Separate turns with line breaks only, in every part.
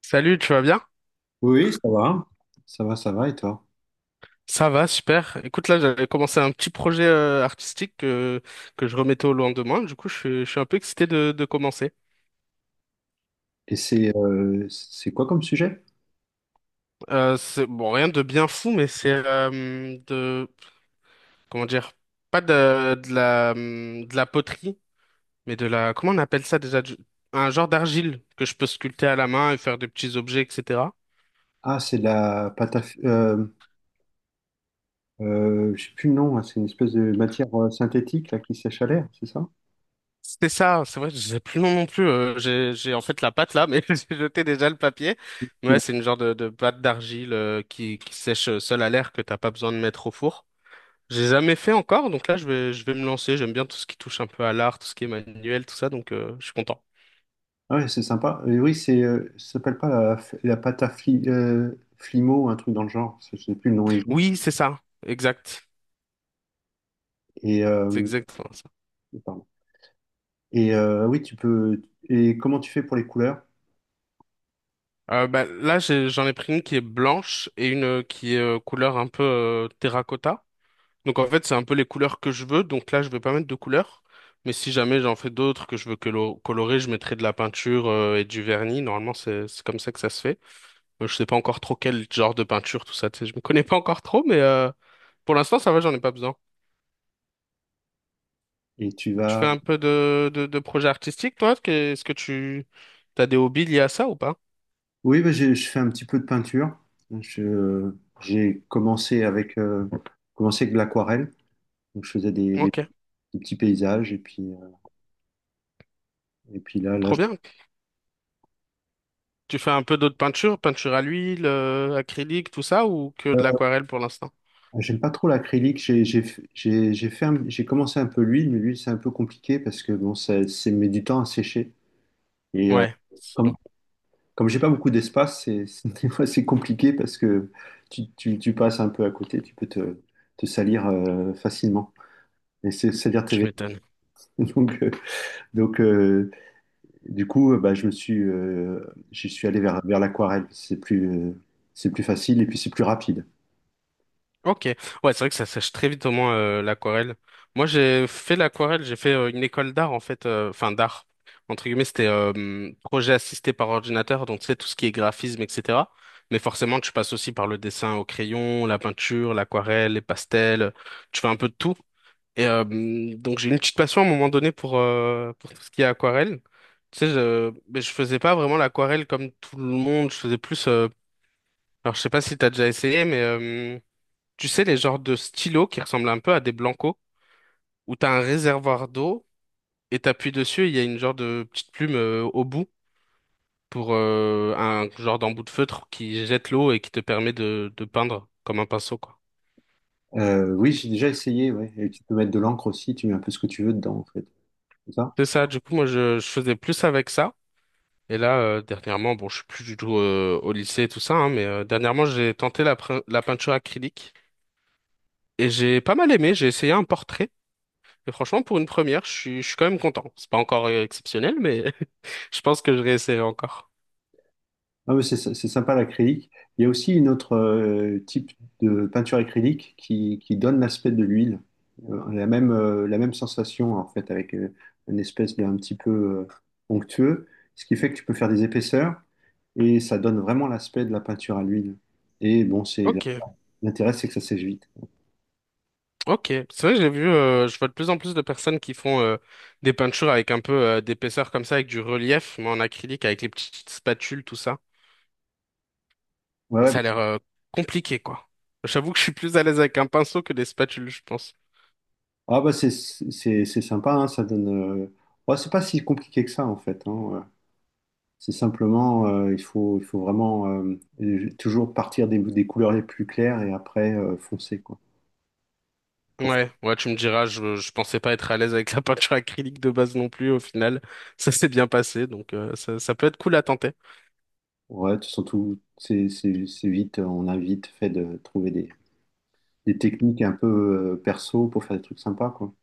Salut, tu vas bien?
Oui, oui, ça va. Ça va, ça va, et toi?
Ça va, super. Écoute, là, j'avais commencé un petit projet artistique que je remettais au lendemain. Du coup, je suis un peu excité de commencer.
Et c'est quoi comme sujet?
C'est bon, rien de bien fou, mais c'est de comment dire, pas de la de la poterie, mais de la comment on appelle ça déjà? Un genre d'argile que je peux sculpter à la main et faire des petits objets, etc.
Ah, c'est de la pâte à... je sais plus le nom, hein, c'est une espèce de matière synthétique là, qui sèche à l'air, c'est ça?
C'était ça, c'est vrai, je sais plus le nom non plus. J'ai en fait la pâte là, mais j'ai jeté déjà le papier. Mais ouais, c'est une genre de pâte d'argile qui sèche seule à l'air que t'as pas besoin de mettre au four. J'ai jamais fait encore, donc je vais me lancer. J'aime bien tout ce qui touche un peu à l'art, tout ce qui est manuel, tout ça, donc je suis content.
Ah ouais, c'est sympa. Et oui, c'est ça s'appelle pas la, la pâte à flimo, un truc dans le genre, je sais plus le nom exact.
Oui, c'est ça, exact,
Et,
c'est
euh,
exactement ça.
pardon. Et oui, tu peux... Et comment tu fais pour les couleurs?
Bah, là j'en ai pris une qui est blanche et une qui est couleur un peu terracotta. Donc en fait, c'est un peu les couleurs que je veux. Donc là, je vais pas mettre de couleurs. Mais si jamais j'en fais d'autres que je veux colorer, je mettrai de la peinture et du vernis. Normalement, c'est comme ça que ça se fait. Je sais pas encore trop quel genre de peinture, tout ça. Tu sais, je me connais pas encore trop, mais pour l'instant, ça va, j'en ai pas besoin.
Et tu
Tu
vas...
fais un peu de projet artistique, toi? Est-ce que tu as des hobbies liés à ça ou pas?
Oui, bah, je fais un petit peu de peinture. Je- j'ai commencé avec de l'aquarelle. Donc, je faisais des,
Ok,
des petits paysages. Et puis là,
trop bien. Tu fais un peu d'autres peintures, peinture à l'huile, acrylique, tout ça, ou que de l'aquarelle pour l'instant?
j'aime pas trop l'acrylique. J'ai j'ai fait j'ai commencé un peu l'huile, mais l'huile, c'est un peu compliqué parce que bon, ça met du temps à sécher. Et
Ouais, c'est
comme,
long.
comme j'ai pas beaucoup d'espace, des fois, c'est compliqué parce que tu, tu passes un peu à côté, tu peux te, te salir facilement. Et c'est-à-dire tes
Je
vêtements.
m'étonne.
Donc, euh, donc, euh, bah, je me suis, j'y suis allé vers, vers l'aquarelle. C'est plus facile et puis c'est plus rapide.
Ok, ouais, c'est vrai que ça sèche très vite au moins l'aquarelle. Moi, j'ai fait l'aquarelle, j'ai fait une école d'art en fait, enfin d'art entre guillemets, c'était projet assisté par ordinateur, donc tu sais tout ce qui est graphisme, etc. Mais forcément, tu passes aussi par le dessin au crayon, la peinture, l'aquarelle, les pastels, tu fais un peu de tout. Et donc j'ai une petite passion à un moment donné pour tout ce qui est aquarelle. Tu sais, je mais je faisais pas vraiment l'aquarelle comme tout le monde, je faisais plus. Alors, je sais pas si t'as déjà essayé, mais tu sais, les genres de stylos qui ressemblent un peu à des blancos, où t'as un réservoir d'eau et t'appuies dessus, et il y a une genre de petite plume au bout pour un genre d'embout de feutre qui jette l'eau et qui te permet de peindre comme un pinceau, quoi.
Oui, j'ai déjà essayé, ouais. Et tu peux mettre de l'encre aussi, tu mets un peu ce que tu veux dedans, en fait. C'est ça?
C'est ça, du coup, je faisais plus avec ça. Et là, dernièrement, bon, je suis plus du tout au lycée et tout ça, hein, mais dernièrement, j'ai tenté la peinture acrylique et j'ai pas mal aimé. J'ai essayé un portrait. Et franchement, pour une première, je suis quand même content. C'est pas encore exceptionnel, mais je pense que je réessayerai encore.
Ah, mais c'est sympa l'acrylique. Il y a aussi une autre type de peinture acrylique qui donne l'aspect de l'huile. La même sensation en fait avec une espèce d'un petit peu onctueux, ce qui fait que tu peux faire des épaisseurs et ça donne vraiment l'aspect de la peinture à l'huile. Et bon, c'est
Ok,
l'intérêt, c'est que ça sèche vite.
ok. C'est vrai que j'ai vu, je vois de plus en plus de personnes qui font des peintures avec un peu d'épaisseur comme ça, avec du relief, mais en acrylique, avec les petites spatules, tout ça.
Ouais,
Mais
ouais.
ça a l'air compliqué, quoi. J'avoue que je suis plus à l'aise avec un pinceau que des spatules, je pense.
Ah bah c'est sympa, hein, ça donne. Ouais, c'est pas si compliqué que ça en fait, hein. C'est simplement, il faut vraiment toujours partir des couleurs les plus claires et après foncer, quoi. Pour,
Ouais, ouais, tu me diras, je pensais pas être à l'aise avec la peinture acrylique de base non plus, au final, ça s'est bien passé, donc ça peut être cool à tenter.
ouais, tu sens tout, c'est vite, on a vite fait de trouver des techniques un peu perso pour faire des trucs sympas, quoi.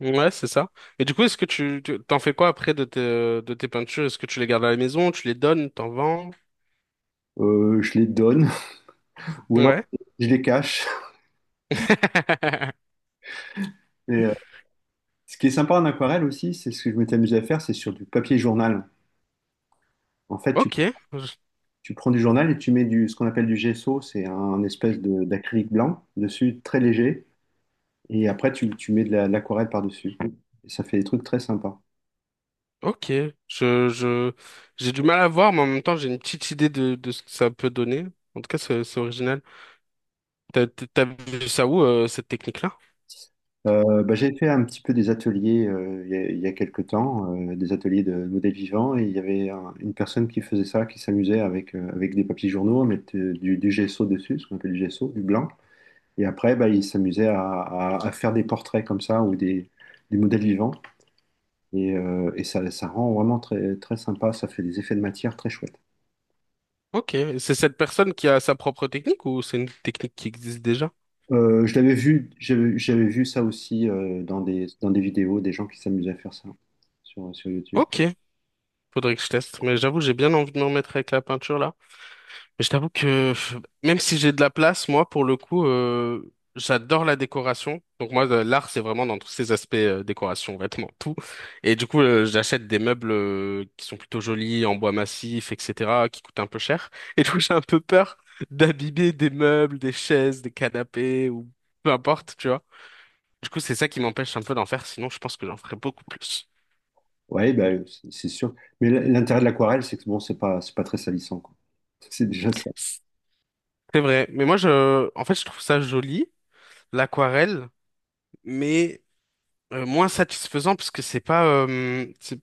Ouais, c'est ça. Et du coup, est-ce que t'en fais quoi après de tes peintures? Est-ce que tu les gardes à la maison, tu les donnes, t'en vends?
Je les donne ou alors
Ouais.
je les cache. Et, euh, ce qui est sympa en aquarelle aussi, c'est ce que je m'étais amusé à faire, c'est sur du papier journal. En fait, tu,
Ok, je-
tu prends du journal et tu mets du, ce qu'on appelle du gesso, c'est un, d'acrylique blanc dessus, très léger. Et après, tu mets de de l'aquarelle par-dessus. Et ça fait des trucs très sympas.
ok, je, j'ai du mal à voir, mais en même temps, j'ai une petite idée de ce que ça peut donner. En tout cas, c'est original. T'as t'as vu ça où, cette technique-là?
Bah, j'ai fait un petit peu des ateliers il y a quelques temps, des ateliers de modèles vivants, et il y avait une personne qui faisait ça, qui s'amusait avec, avec des papiers journaux, à mettre du gesso dessus, ce qu'on appelle du gesso, du blanc. Et après, bah, il s'amusait à, à faire des portraits comme ça ou des modèles vivants. Et ça, ça rend vraiment très, très sympa, ça fait des effets de matière très chouettes.
Ok, et c'est cette personne qui a sa propre technique ou c'est une technique qui existe déjà?
Je l'avais vu, j'avais vu ça aussi dans des vidéos, des gens qui s'amusaient à faire ça sur, sur YouTube.
Ok, faudrait que je teste, mais j'avoue, j'ai bien envie de me remettre avec la peinture là. Je t'avoue que pff, même si j'ai de la place, moi, pour le coup, j'adore la décoration. Donc moi, l'art, c'est vraiment dans tous ces aspects, décoration, vêtements, tout. Et du coup, j'achète des meubles, qui sont plutôt jolis, en bois massif, etc., qui coûtent un peu cher. Et du coup, j'ai un peu peur d'abîmer des meubles, des chaises, des canapés, ou peu importe, tu vois. Du coup, c'est ça qui m'empêche un peu d'en faire, sinon je pense que j'en ferais beaucoup plus.
Ouais, bah, c'est sûr. Mais l'intérêt de l'aquarelle, c'est que bon, c'est pas très salissant, quoi. C'est déjà ça.
C'est vrai, mais moi, je, en fait, je trouve ça joli, l'aquarelle, mais moins satisfaisant parce que c'est pas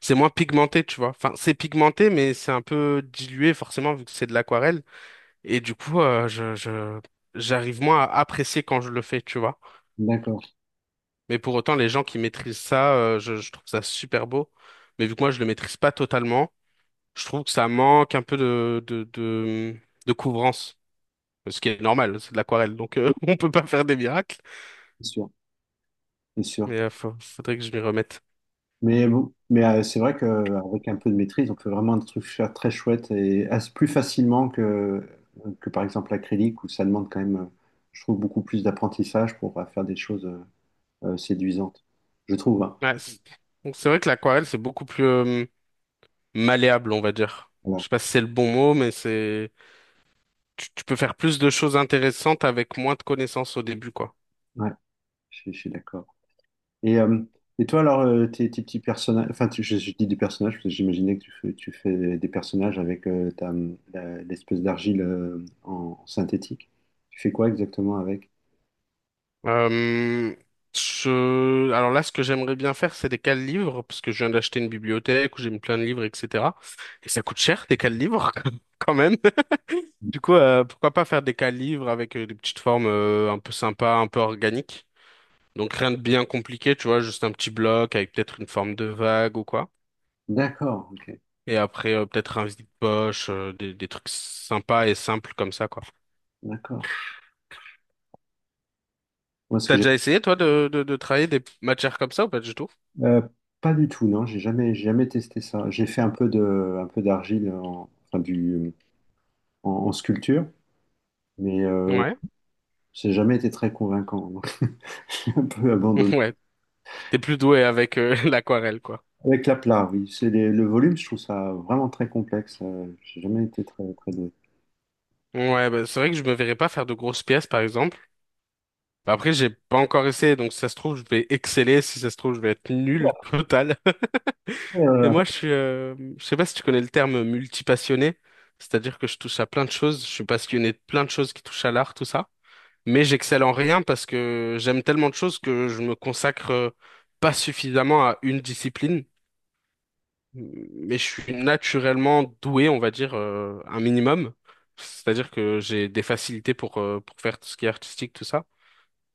c'est moins pigmenté, tu vois, enfin c'est pigmenté mais c'est un peu dilué forcément vu que c'est de l'aquarelle et du coup je j'arrive moins à apprécier quand je le fais, tu vois,
D'accord.
mais pour autant les gens qui maîtrisent ça je trouve ça super beau, mais vu que moi je le maîtrise pas totalement, je trouve que ça manque un peu de couvrance, ce qui est normal, c'est de l'aquarelle, donc
Oui,
on peut pas faire des miracles,
c'est sûr, c'est sûr.
mais faudrait que je m'y remette.
Mais bon, mais c'est vrai qu'avec un peu de maîtrise, on peut vraiment des trucs faire très chouettes et plus facilement que par exemple l'acrylique, où ça demande quand même, je trouve, beaucoup plus d'apprentissage pour faire des choses séduisantes. Je trouve, hein.
Ouais, c'est vrai que l'aquarelle c'est beaucoup plus malléable, on va dire. Je
Voilà.
sais pas si c'est le bon mot, mais c'est tu peux faire plus de choses intéressantes avec moins de connaissances au début, quoi.
Ouais. Je suis d'accord. Et, euh, et toi, alors, tes, tes petits personnages, enfin, je dis des personnages parce que j'imaginais que tu fais des personnages avec l'espèce d'argile en, en synthétique. Tu fais quoi exactement avec?
Euh, je... Alors là, ce que j'aimerais bien faire, c'est des cales livres, parce que je viens d'acheter une bibliothèque où j'ai mis plein de livres, etc. Et ça coûte cher, des cales livres, quand même. Du coup, pourquoi pas faire des cales livres avec des petites formes un peu sympas, un peu organiques. Donc rien de bien compliqué, tu vois, juste un petit bloc avec peut-être une forme de vague ou quoi.
D'accord, ok,
Et après, peut-être un vide poche, des trucs sympas et simples comme ça, quoi.
d'accord. Moi, ce que
T'as
j'ai.
déjà essayé, toi, de travailler des matières comme ça ou pas du tout?
euh, pas du tout, non, j'ai jamais testé ça. J'ai fait un peu de, un peu d'argile en, enfin, du, en, en sculpture, mais
Ouais.
ça n'a jamais été très convaincant. Donc j'ai un peu abandonné.
Ouais. T'es plus doué avec l'aquarelle, quoi.
Avec la plat, oui. C'est le volume, je trouve ça vraiment très complexe. J'ai jamais été très, très doué.
Ouais, bah, c'est vrai que je me verrais pas faire de grosses pièces, par exemple. Bah, après, j'ai pas encore essayé, donc si ça se trouve, je vais exceller. Si ça se trouve, je vais être nul total. Et
Euh,
moi, je sais pas si tu connais le terme multipassionné. C'est-à-dire que je touche à plein de choses. Je suis passionné de plein de choses qui touchent à l'art, tout ça. Mais j'excelle en rien parce que j'aime tellement de choses que je me consacre pas suffisamment à une discipline. Mais je suis naturellement doué, on va dire, un minimum. C'est-à-dire que j'ai des facilités pour faire tout ce qui est artistique, tout ça.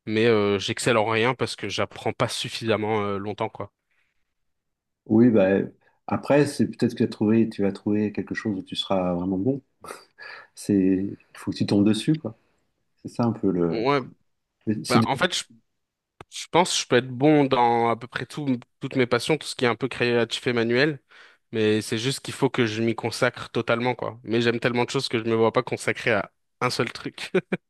Mais j'excelle en rien parce que j'apprends pas suffisamment longtemps, quoi.
oui, bah, après, c'est peut-être que tu as trouvé, tu vas trouver quelque chose où tu seras vraiment bon. C'est, il faut que tu tombes dessus, quoi. C'est ça un peu le.
Ouais,
Mais c'est
bah, en fait, je pense que je peux être bon dans à peu près tout, toutes mes passions, tout ce qui est un peu créatif et manuel, mais c'est juste qu'il faut que je m'y consacre totalement, quoi. Mais j'aime tellement de choses que je me vois pas consacrer à un seul truc.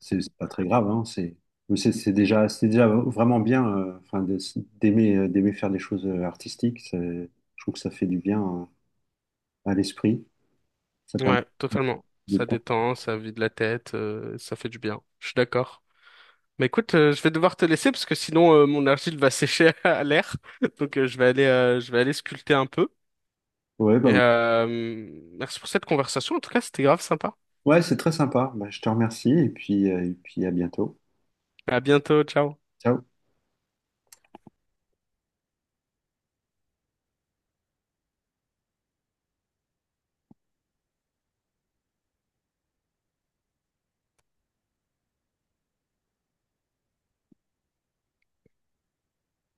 c'est pas très grave, hein. C'est, mais c'est déjà vraiment bien. Enfin, d'aimer, d'aimer faire des choses artistiques. Je trouve que ça fait du bien à l'esprit. Ça permet
Ouais, totalement.
de.
Ça détend, ça vide la tête, ça fait du bien. Je suis d'accord. Mais écoute, je vais devoir te laisser parce que sinon mon argile va sécher à l'air. Donc je vais aller sculpter un peu.
Ouais, bah,
Et merci pour cette conversation. En tout cas, c'était grave sympa.
ouais, c'est très sympa. Bah, je te remercie et puis à bientôt.
À bientôt, ciao.
Ciao.